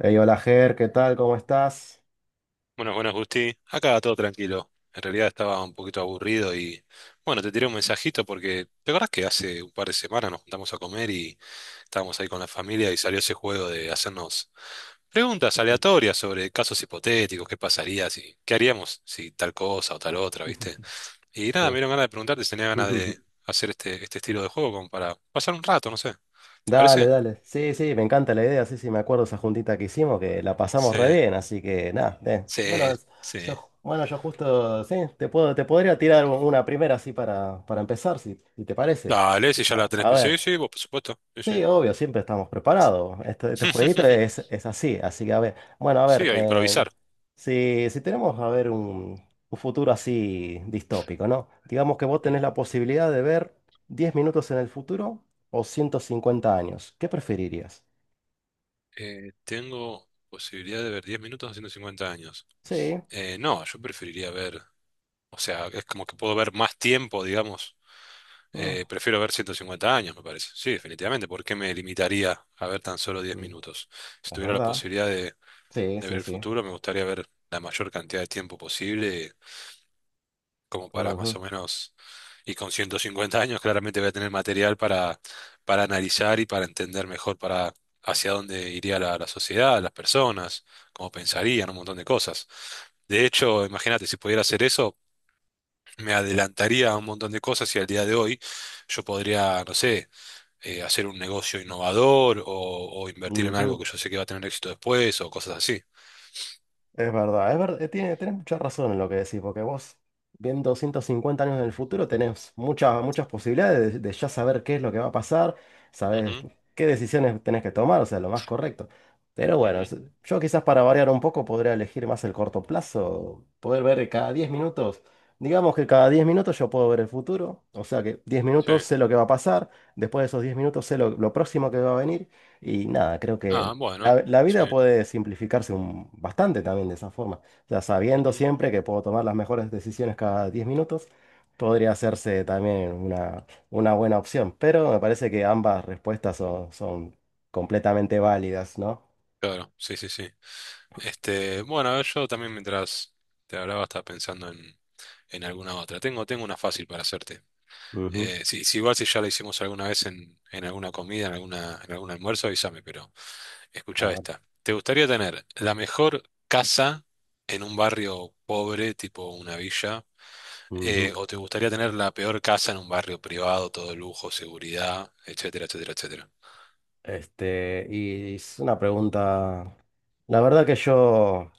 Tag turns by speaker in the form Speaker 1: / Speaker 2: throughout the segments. Speaker 1: Ey, hola Ger, ¿qué tal? ¿Cómo estás?
Speaker 2: Bueno, bueno, Justi, acá todo tranquilo. En realidad estaba un poquito aburrido y bueno, te tiré un mensajito porque ¿te acordás que hace un par de semanas nos juntamos a comer y estábamos ahí con la familia y salió ese juego de hacernos preguntas aleatorias sobre casos hipotéticos, qué pasaría, si, qué haríamos si tal cosa o tal otra, ¿viste? Y nada, me
Speaker 1: Sí.
Speaker 2: dieron ganas de preguntarte si tenía ganas de hacer este estilo de juego como para pasar un rato, no sé. ¿Te
Speaker 1: Dale,
Speaker 2: parece?
Speaker 1: dale. Sí, sí, me encanta la idea. Sí, sí, me acuerdo esa juntita que hicimos, que la pasamos
Speaker 2: Sí,
Speaker 1: re bien, así que nada.
Speaker 2: sí,
Speaker 1: Bueno,
Speaker 2: sí.
Speaker 1: yo justo, sí, te podría tirar una primera así para empezar, si te parece.
Speaker 2: Dale, si ya la
Speaker 1: A,
Speaker 2: tenés.
Speaker 1: a ver.
Speaker 2: Sí, sí, vos, por supuesto. Sí,
Speaker 1: Sí, obvio, siempre estamos preparados. Este jueguito
Speaker 2: sí.
Speaker 1: es así, así que a ver, bueno, a
Speaker 2: Sí,
Speaker 1: ver,
Speaker 2: a improvisar.
Speaker 1: si tenemos, a ver, un futuro así distópico, ¿no? Digamos que vos
Speaker 2: Ujú.
Speaker 1: tenés la posibilidad de ver 10 minutos en el futuro o 150 años, ¿qué preferirías?
Speaker 2: Tengo posibilidad de ver 10 minutos a 150 años.
Speaker 1: Sí,
Speaker 2: No, yo preferiría ver, o sea, es como que puedo ver más tiempo, digamos.
Speaker 1: mm,
Speaker 2: Prefiero ver 150 años, me parece. Sí, definitivamente. ¿Por qué me limitaría a ver tan solo diez
Speaker 1: mm,
Speaker 2: minutos? Si
Speaker 1: es
Speaker 2: tuviera la
Speaker 1: verdad,
Speaker 2: posibilidad de,
Speaker 1: sí,
Speaker 2: de ver
Speaker 1: sí,
Speaker 2: el
Speaker 1: sí.
Speaker 2: futuro, me gustaría ver la mayor cantidad de tiempo posible como para más
Speaker 1: Ujú,
Speaker 2: o menos, y con 150 años claramente voy a tener material para analizar y para entender mejor para hacia dónde iría la sociedad, las personas, cómo pensarían, un montón de cosas. De hecho, imagínate, si pudiera hacer eso, me adelantaría a un montón de cosas y al día de hoy yo podría, no sé, hacer un negocio innovador o invertir en algo que
Speaker 1: ujú.
Speaker 2: yo sé que va a tener éxito después o cosas así.
Speaker 1: Es verdad, tenés mucha razón en lo que decís, porque vos, viendo 150 años en el futuro, tenés muchas posibilidades de ya saber qué es lo que va a pasar, sabés
Speaker 2: Ujú,
Speaker 1: qué decisiones tenés que tomar, o sea, lo más correcto. Pero bueno,
Speaker 2: ujú,
Speaker 1: yo quizás para variar un poco podría elegir más el corto plazo, poder ver cada 10 minutos, digamos que cada 10 minutos yo puedo ver el futuro, o sea que diez
Speaker 2: sí.
Speaker 1: minutos sé lo que va a pasar, después de esos 10 minutos sé lo próximo que va a venir, y nada, creo que
Speaker 2: Ah, bueno,
Speaker 1: la
Speaker 2: sí.
Speaker 1: vida puede simplificarse bastante también de esa forma. Ya sabiendo
Speaker 2: Ujú,
Speaker 1: siempre que puedo tomar las mejores decisiones cada 10 minutos, podría hacerse también una buena opción. Pero me parece que ambas respuestas son completamente válidas, ¿no?
Speaker 2: claro, sí, sí, sí. Este, bueno, yo también mientras te hablaba estaba pensando en alguna otra. Tengo una fácil para hacerte.
Speaker 1: Ujú.
Speaker 2: Si igual si ya la hicimos alguna vez en alguna comida, en algún almuerzo, avísame, pero escucha
Speaker 1: A ver,
Speaker 2: esta. ¿Te gustaría tener la mejor casa en un barrio pobre, tipo una villa? Eh,
Speaker 1: ujú.
Speaker 2: ¿o te gustaría tener la peor casa en un barrio privado, todo lujo, seguridad, etcétera, etcétera, etcétera?
Speaker 1: Este, y es una pregunta. La verdad que yo.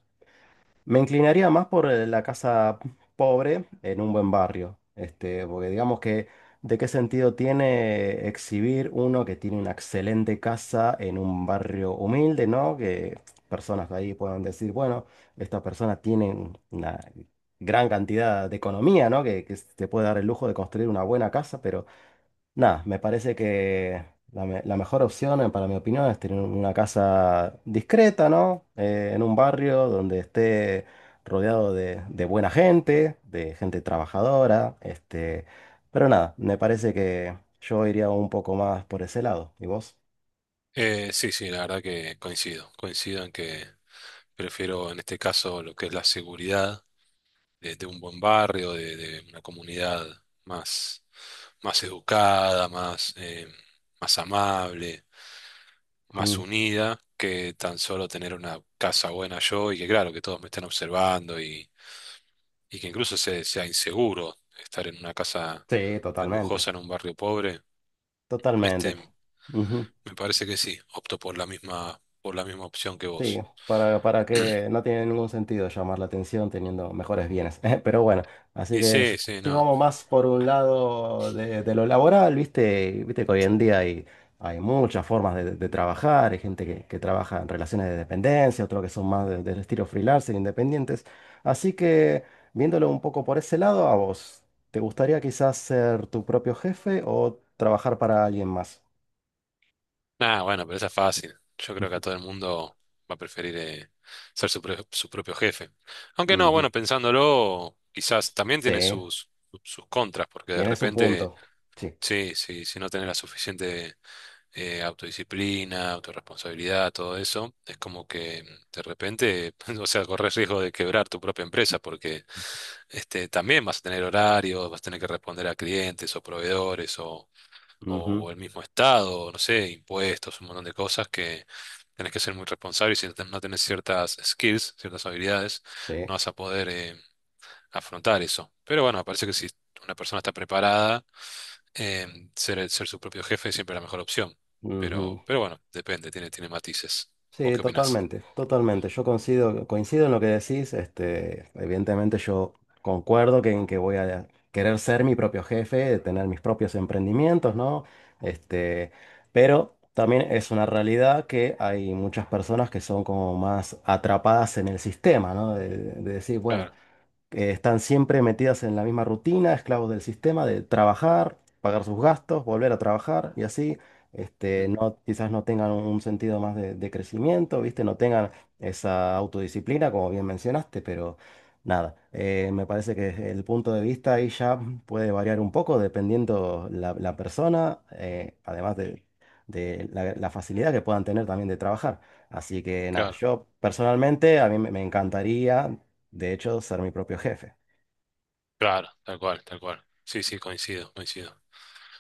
Speaker 1: Me inclinaría más por la casa pobre en un buen barrio, este, porque digamos que de qué sentido tiene exhibir uno que tiene una excelente casa en un barrio humilde, ¿no? Que personas de ahí puedan decir, bueno, estas personas tienen una gran cantidad de economía, ¿no? Que se puede dar el lujo de construir una buena casa. Pero nada, me parece que la mejor opción, para mi opinión, es tener una casa discreta, ¿no? En un barrio donde esté rodeado de buena gente, de gente trabajadora, este. Pero nada, me parece que yo iría un poco más por ese lado. ¿Y vos?
Speaker 2: Sí, sí, la verdad que coincido. Coincido en que prefiero en este caso lo que es la seguridad de un buen barrio, de una comunidad más, más educada, más, más amable, más
Speaker 1: Ujú.
Speaker 2: unida, que tan solo tener una casa buena yo y que claro, que todos me estén observando y que incluso sea inseguro estar en una casa
Speaker 1: Sí,
Speaker 2: tan lujosa
Speaker 1: totalmente.
Speaker 2: en un barrio pobre.
Speaker 1: Totalmente.
Speaker 2: Este,
Speaker 1: Ujú.
Speaker 2: me parece que sí, opto por la misma opción que
Speaker 1: Sí,
Speaker 2: vos.
Speaker 1: para que no tiene ningún sentido llamar la atención teniendo mejores bienes. Pero bueno, así
Speaker 2: Y
Speaker 1: que
Speaker 2: sí, sí,
Speaker 1: si
Speaker 2: no.
Speaker 1: vamos más por un lado de lo laboral, viste que hoy en día hay muchas formas de trabajar, hay gente que trabaja en relaciones de dependencia, otros que son más del estilo freelancer, independientes. Así que viéndolo un poco por ese lado, a vos, ¿te gustaría quizás ser tu propio jefe o trabajar para alguien más?
Speaker 2: Nada, bueno, pero esa es fácil. Yo creo que a todo el mundo va a preferir ser su propio jefe. Aunque no,
Speaker 1: Ujú.
Speaker 2: bueno, pensándolo, quizás también
Speaker 1: Sí,
Speaker 2: tiene sus contras, porque de
Speaker 1: tiene su
Speaker 2: repente,
Speaker 1: punto. Sí.
Speaker 2: sí, sí, si no tenés la suficiente autodisciplina, autorresponsabilidad, todo eso, es como que de repente, o sea, corres riesgo de quebrar tu propia empresa porque este, también vas a tener horarios, vas a tener que responder a clientes o proveedores o,
Speaker 1: Ujú.
Speaker 2: o el mismo estado, no sé, impuestos, un montón de cosas que tenés que ser muy responsable y si no tenés ciertas skills, ciertas habilidades,
Speaker 1: Sí,
Speaker 2: no vas a poder afrontar eso. Pero bueno, me parece que si una persona está preparada, Ser su propio jefe es siempre la mejor opción,
Speaker 1: ujú.
Speaker 2: pero bueno, depende, tiene matices. ¿Vos
Speaker 1: Sí,
Speaker 2: qué opinás?
Speaker 1: totalmente, totalmente. Yo coincido, coincido en lo que decís. Este, evidentemente yo concuerdo en que voy a querer ser mi propio jefe, tener mis propios emprendimientos, ¿no? Este, pero también es una realidad que hay muchas personas que son como más atrapadas en el sistema, ¿no? De decir, bueno,
Speaker 2: Claro,
Speaker 1: que están siempre metidas en la misma rutina, esclavos del sistema de trabajar, pagar sus gastos, volver a trabajar y así, este,
Speaker 2: mm,
Speaker 1: no, quizás no tengan un sentido más de crecimiento, ¿viste? No tengan esa autodisciplina, como bien mencionaste, pero nada, me parece que el punto de vista ahí ya puede variar un poco dependiendo la persona, además de. De la facilidad que puedan tener también de trabajar. Así que nada,
Speaker 2: claro,
Speaker 1: yo personalmente a mí me encantaría de hecho, ser mi propio jefe.
Speaker 2: claro, tal cual, tal cual. Sí, sí, coincido, coincido.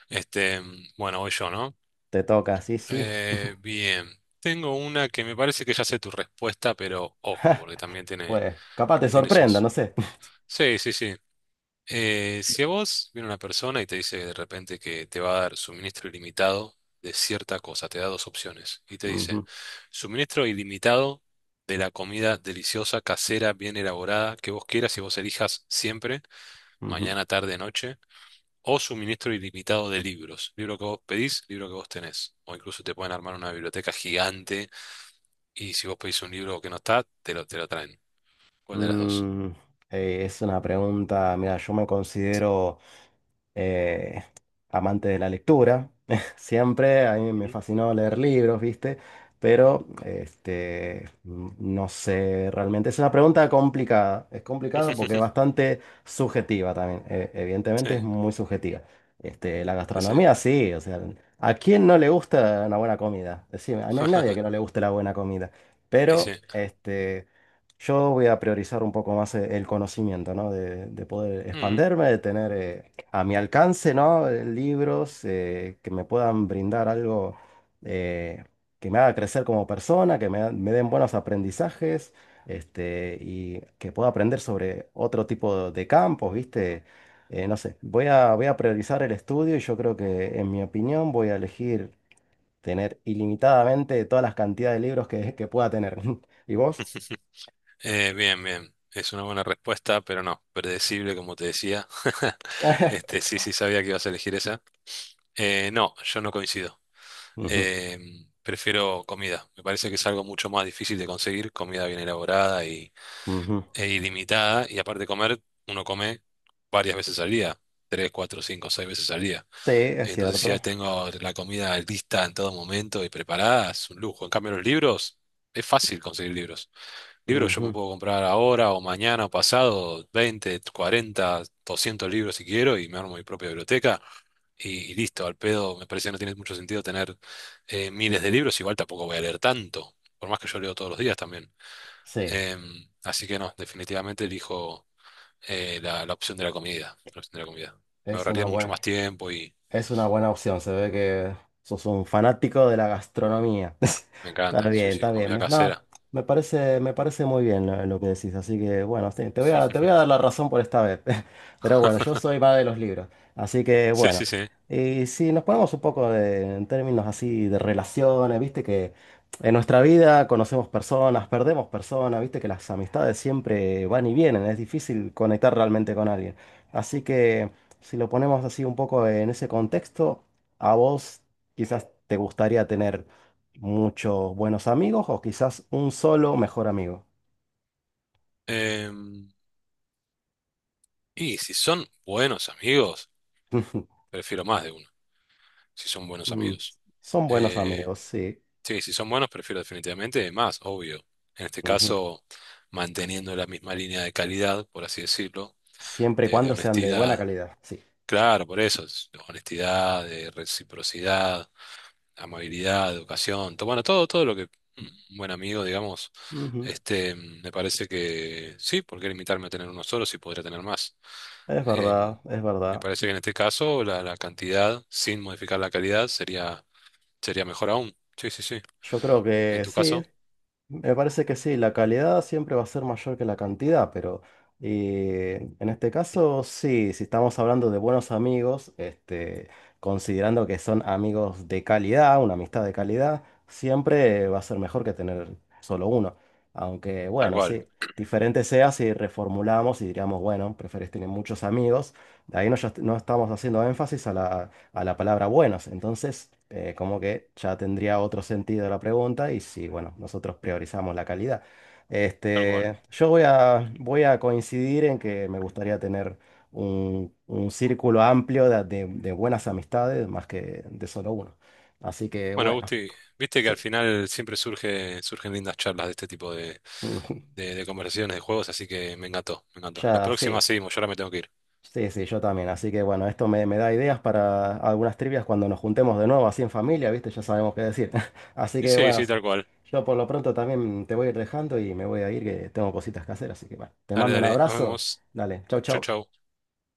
Speaker 2: Este, bueno, voy yo, ¿no?
Speaker 1: Te toca, sí, sí.
Speaker 2: Bien, tengo una que me parece que ya sé tu respuesta, pero ojo, porque también tiene,
Speaker 1: Pues, capaz te
Speaker 2: tiene
Speaker 1: sorprenda, no
Speaker 2: sus...
Speaker 1: sé.
Speaker 2: Sí, sí, sí. Si a vos viene una persona y te dice de repente que te va a dar suministro ilimitado de cierta cosa, te da dos opciones y te dice
Speaker 1: Ujú,
Speaker 2: suministro ilimitado de la comida deliciosa, casera, bien elaborada, que vos quieras y vos elijas siempre,
Speaker 1: ujú.
Speaker 2: mañana, tarde, noche, o suministro ilimitado de libros, libro que vos pedís, libro que vos tenés, o incluso te pueden armar una biblioteca gigante y si vos pedís un libro que no está, te lo traen. ¿Cuál de las dos?
Speaker 1: Mm, es una pregunta, mira, yo me considero eh, amante de la lectura. Siempre a mí me
Speaker 2: Ujú.
Speaker 1: fascinó leer libros, ¿viste? Pero este, no sé realmente. Es una pregunta complicada. Es complicada porque es bastante subjetiva también.
Speaker 2: Sí,
Speaker 1: Evidentemente es muy subjetiva. Este, la
Speaker 2: sí, sí.
Speaker 1: gastronomía, sí. O sea, ¿a quién no le gusta una buena comida? Decime, no hay nadie que no le guste la buena comida. Pero
Speaker 2: Ese.
Speaker 1: este. Yo voy a priorizar un poco más el conocimiento, ¿no? De poder
Speaker 2: Mm.
Speaker 1: expanderme, de tener a mi alcance, ¿no? Libros que me puedan brindar algo eh, que me haga crecer como persona, que me den buenos aprendizajes, este, y que pueda aprender sobre otro tipo de campos, ¿viste? No sé, voy a priorizar el estudio y yo creo que, en mi opinión, voy a elegir tener ilimitadamente todas las cantidades de libros que pueda tener. ¿Y vos?
Speaker 2: Bien, bien. Es una buena respuesta, pero no, predecible, como te decía. Este, sí, sí, sabía que ibas a elegir esa. No, yo no coincido.
Speaker 1: Ujú.
Speaker 2: Eh, Prefiero comida. Me parece que es algo mucho más difícil de conseguir, comida bien elaborada y,
Speaker 1: Ujú.
Speaker 2: e ilimitada. Y aparte de comer, uno come varias veces al día, 3, 4, 5, 6 veces al día.
Speaker 1: Sí, es
Speaker 2: Entonces, si ya
Speaker 1: cierto.
Speaker 2: tengo la comida lista en todo momento y preparada, es un lujo. En cambio, los libros, es fácil conseguir libros. Libros yo me
Speaker 1: Ujú.
Speaker 2: puedo comprar ahora o mañana o pasado 20 40 200 libros si quiero y me armo mi propia biblioteca y listo, al pedo. Me parece que no tiene mucho sentido tener miles de libros, igual tampoco voy a leer tanto, por más que yo leo todos los días también.
Speaker 1: Sí,
Speaker 2: Así que no, definitivamente elijo la opción de la comida, la opción de la comida. Me
Speaker 1: es una
Speaker 2: ahorraría mucho
Speaker 1: buena.
Speaker 2: más tiempo y
Speaker 1: Es una buena opción, se ve que sos un fanático de la gastronomía.
Speaker 2: me
Speaker 1: Está
Speaker 2: encanta, sí,
Speaker 1: bien,
Speaker 2: sí,
Speaker 1: está bien.
Speaker 2: comida
Speaker 1: No,
Speaker 2: casera.
Speaker 1: me parece muy bien lo que decís, así que bueno, sí, te voy a dar la razón por esta vez. Pero bueno, yo soy más de los libros, así que
Speaker 2: Sí, sí,
Speaker 1: bueno.
Speaker 2: sí.
Speaker 1: Y si nos ponemos un poco en términos así de relaciones, viste que en nuestra vida conocemos personas, perdemos personas, viste que las amistades siempre van y vienen, es difícil conectar realmente con alguien. Así que. Si lo ponemos así un poco en ese contexto, a vos quizás te gustaría tener muchos buenos amigos o quizás un solo mejor amigo.
Speaker 2: Em, y si son buenos amigos, prefiero más de uno. Si son buenos
Speaker 1: Mm,
Speaker 2: amigos.
Speaker 1: Son buenos
Speaker 2: Eh,
Speaker 1: amigos, sí.
Speaker 2: sí, si son buenos, prefiero definitivamente más, obvio. En este
Speaker 1: Ujú.
Speaker 2: caso, manteniendo la misma línea de calidad, por así decirlo,
Speaker 1: Siempre y
Speaker 2: de
Speaker 1: cuando sean de buena
Speaker 2: honestidad.
Speaker 1: calidad, sí.
Speaker 2: Claro, por eso, es honestidad, de reciprocidad, amabilidad, educación, bueno, todo lo que un buen amigo, digamos,
Speaker 1: Ujú.
Speaker 2: este, me parece que sí, ¿por qué limitarme a tener uno solo si podría tener más?
Speaker 1: Es
Speaker 2: Em,
Speaker 1: verdad, es
Speaker 2: Me
Speaker 1: verdad.
Speaker 2: parece que en este caso la cantidad, sin modificar la calidad, Sería mejor aún. Sí, sí, sí.
Speaker 1: Yo creo
Speaker 2: En
Speaker 1: que
Speaker 2: tu
Speaker 1: sí.
Speaker 2: caso,
Speaker 1: Me parece que sí, la calidad siempre va a ser mayor que la cantidad, pero en este
Speaker 2: Mm.
Speaker 1: caso sí, si estamos hablando de buenos amigos, este, considerando que son amigos de calidad, una amistad de calidad, siempre va a ser mejor que tener solo uno. Aunque
Speaker 2: Tal
Speaker 1: bueno,
Speaker 2: cual,
Speaker 1: sí, diferente sea si reformulamos y diríamos, bueno, preferís tener muchos amigos, de ahí no, ya no estamos haciendo énfasis a la palabra buenos. Entonces, como que ya tendría otro sentido la pregunta y si, bueno, nosotros priorizamos la calidad.
Speaker 2: tal cual.
Speaker 1: Este, yo voy a coincidir en que me gustaría tener un círculo amplio de buenas amistades más que de solo uno. Así que,
Speaker 2: Bueno,
Speaker 1: bueno,
Speaker 2: Gusti, viste que
Speaker 1: sí,
Speaker 2: al final siempre surgen lindas charlas de este tipo de, de, de conversaciones, de juegos, así que me encantó, me encantó. La
Speaker 1: ya
Speaker 2: próxima
Speaker 1: sí.
Speaker 2: seguimos, yo ahora me tengo que ir.
Speaker 1: Sí, sí, yo también. Así que bueno, esto me da ideas para algunas trivias cuando nos juntemos de nuevo, así en familia, ¿viste? Ya sabemos qué decir. Así
Speaker 2: Y
Speaker 1: que
Speaker 2: sí,
Speaker 1: bueno,
Speaker 2: sí, tal cual.
Speaker 1: yo por lo pronto también te voy a ir dejando y me voy a ir, que tengo cositas que hacer. Así que bueno, te
Speaker 2: Dale,
Speaker 1: mando un
Speaker 2: dale, nos
Speaker 1: abrazo.
Speaker 2: vemos.
Speaker 1: Dale, chau,
Speaker 2: Chau,
Speaker 1: chau.
Speaker 2: chau.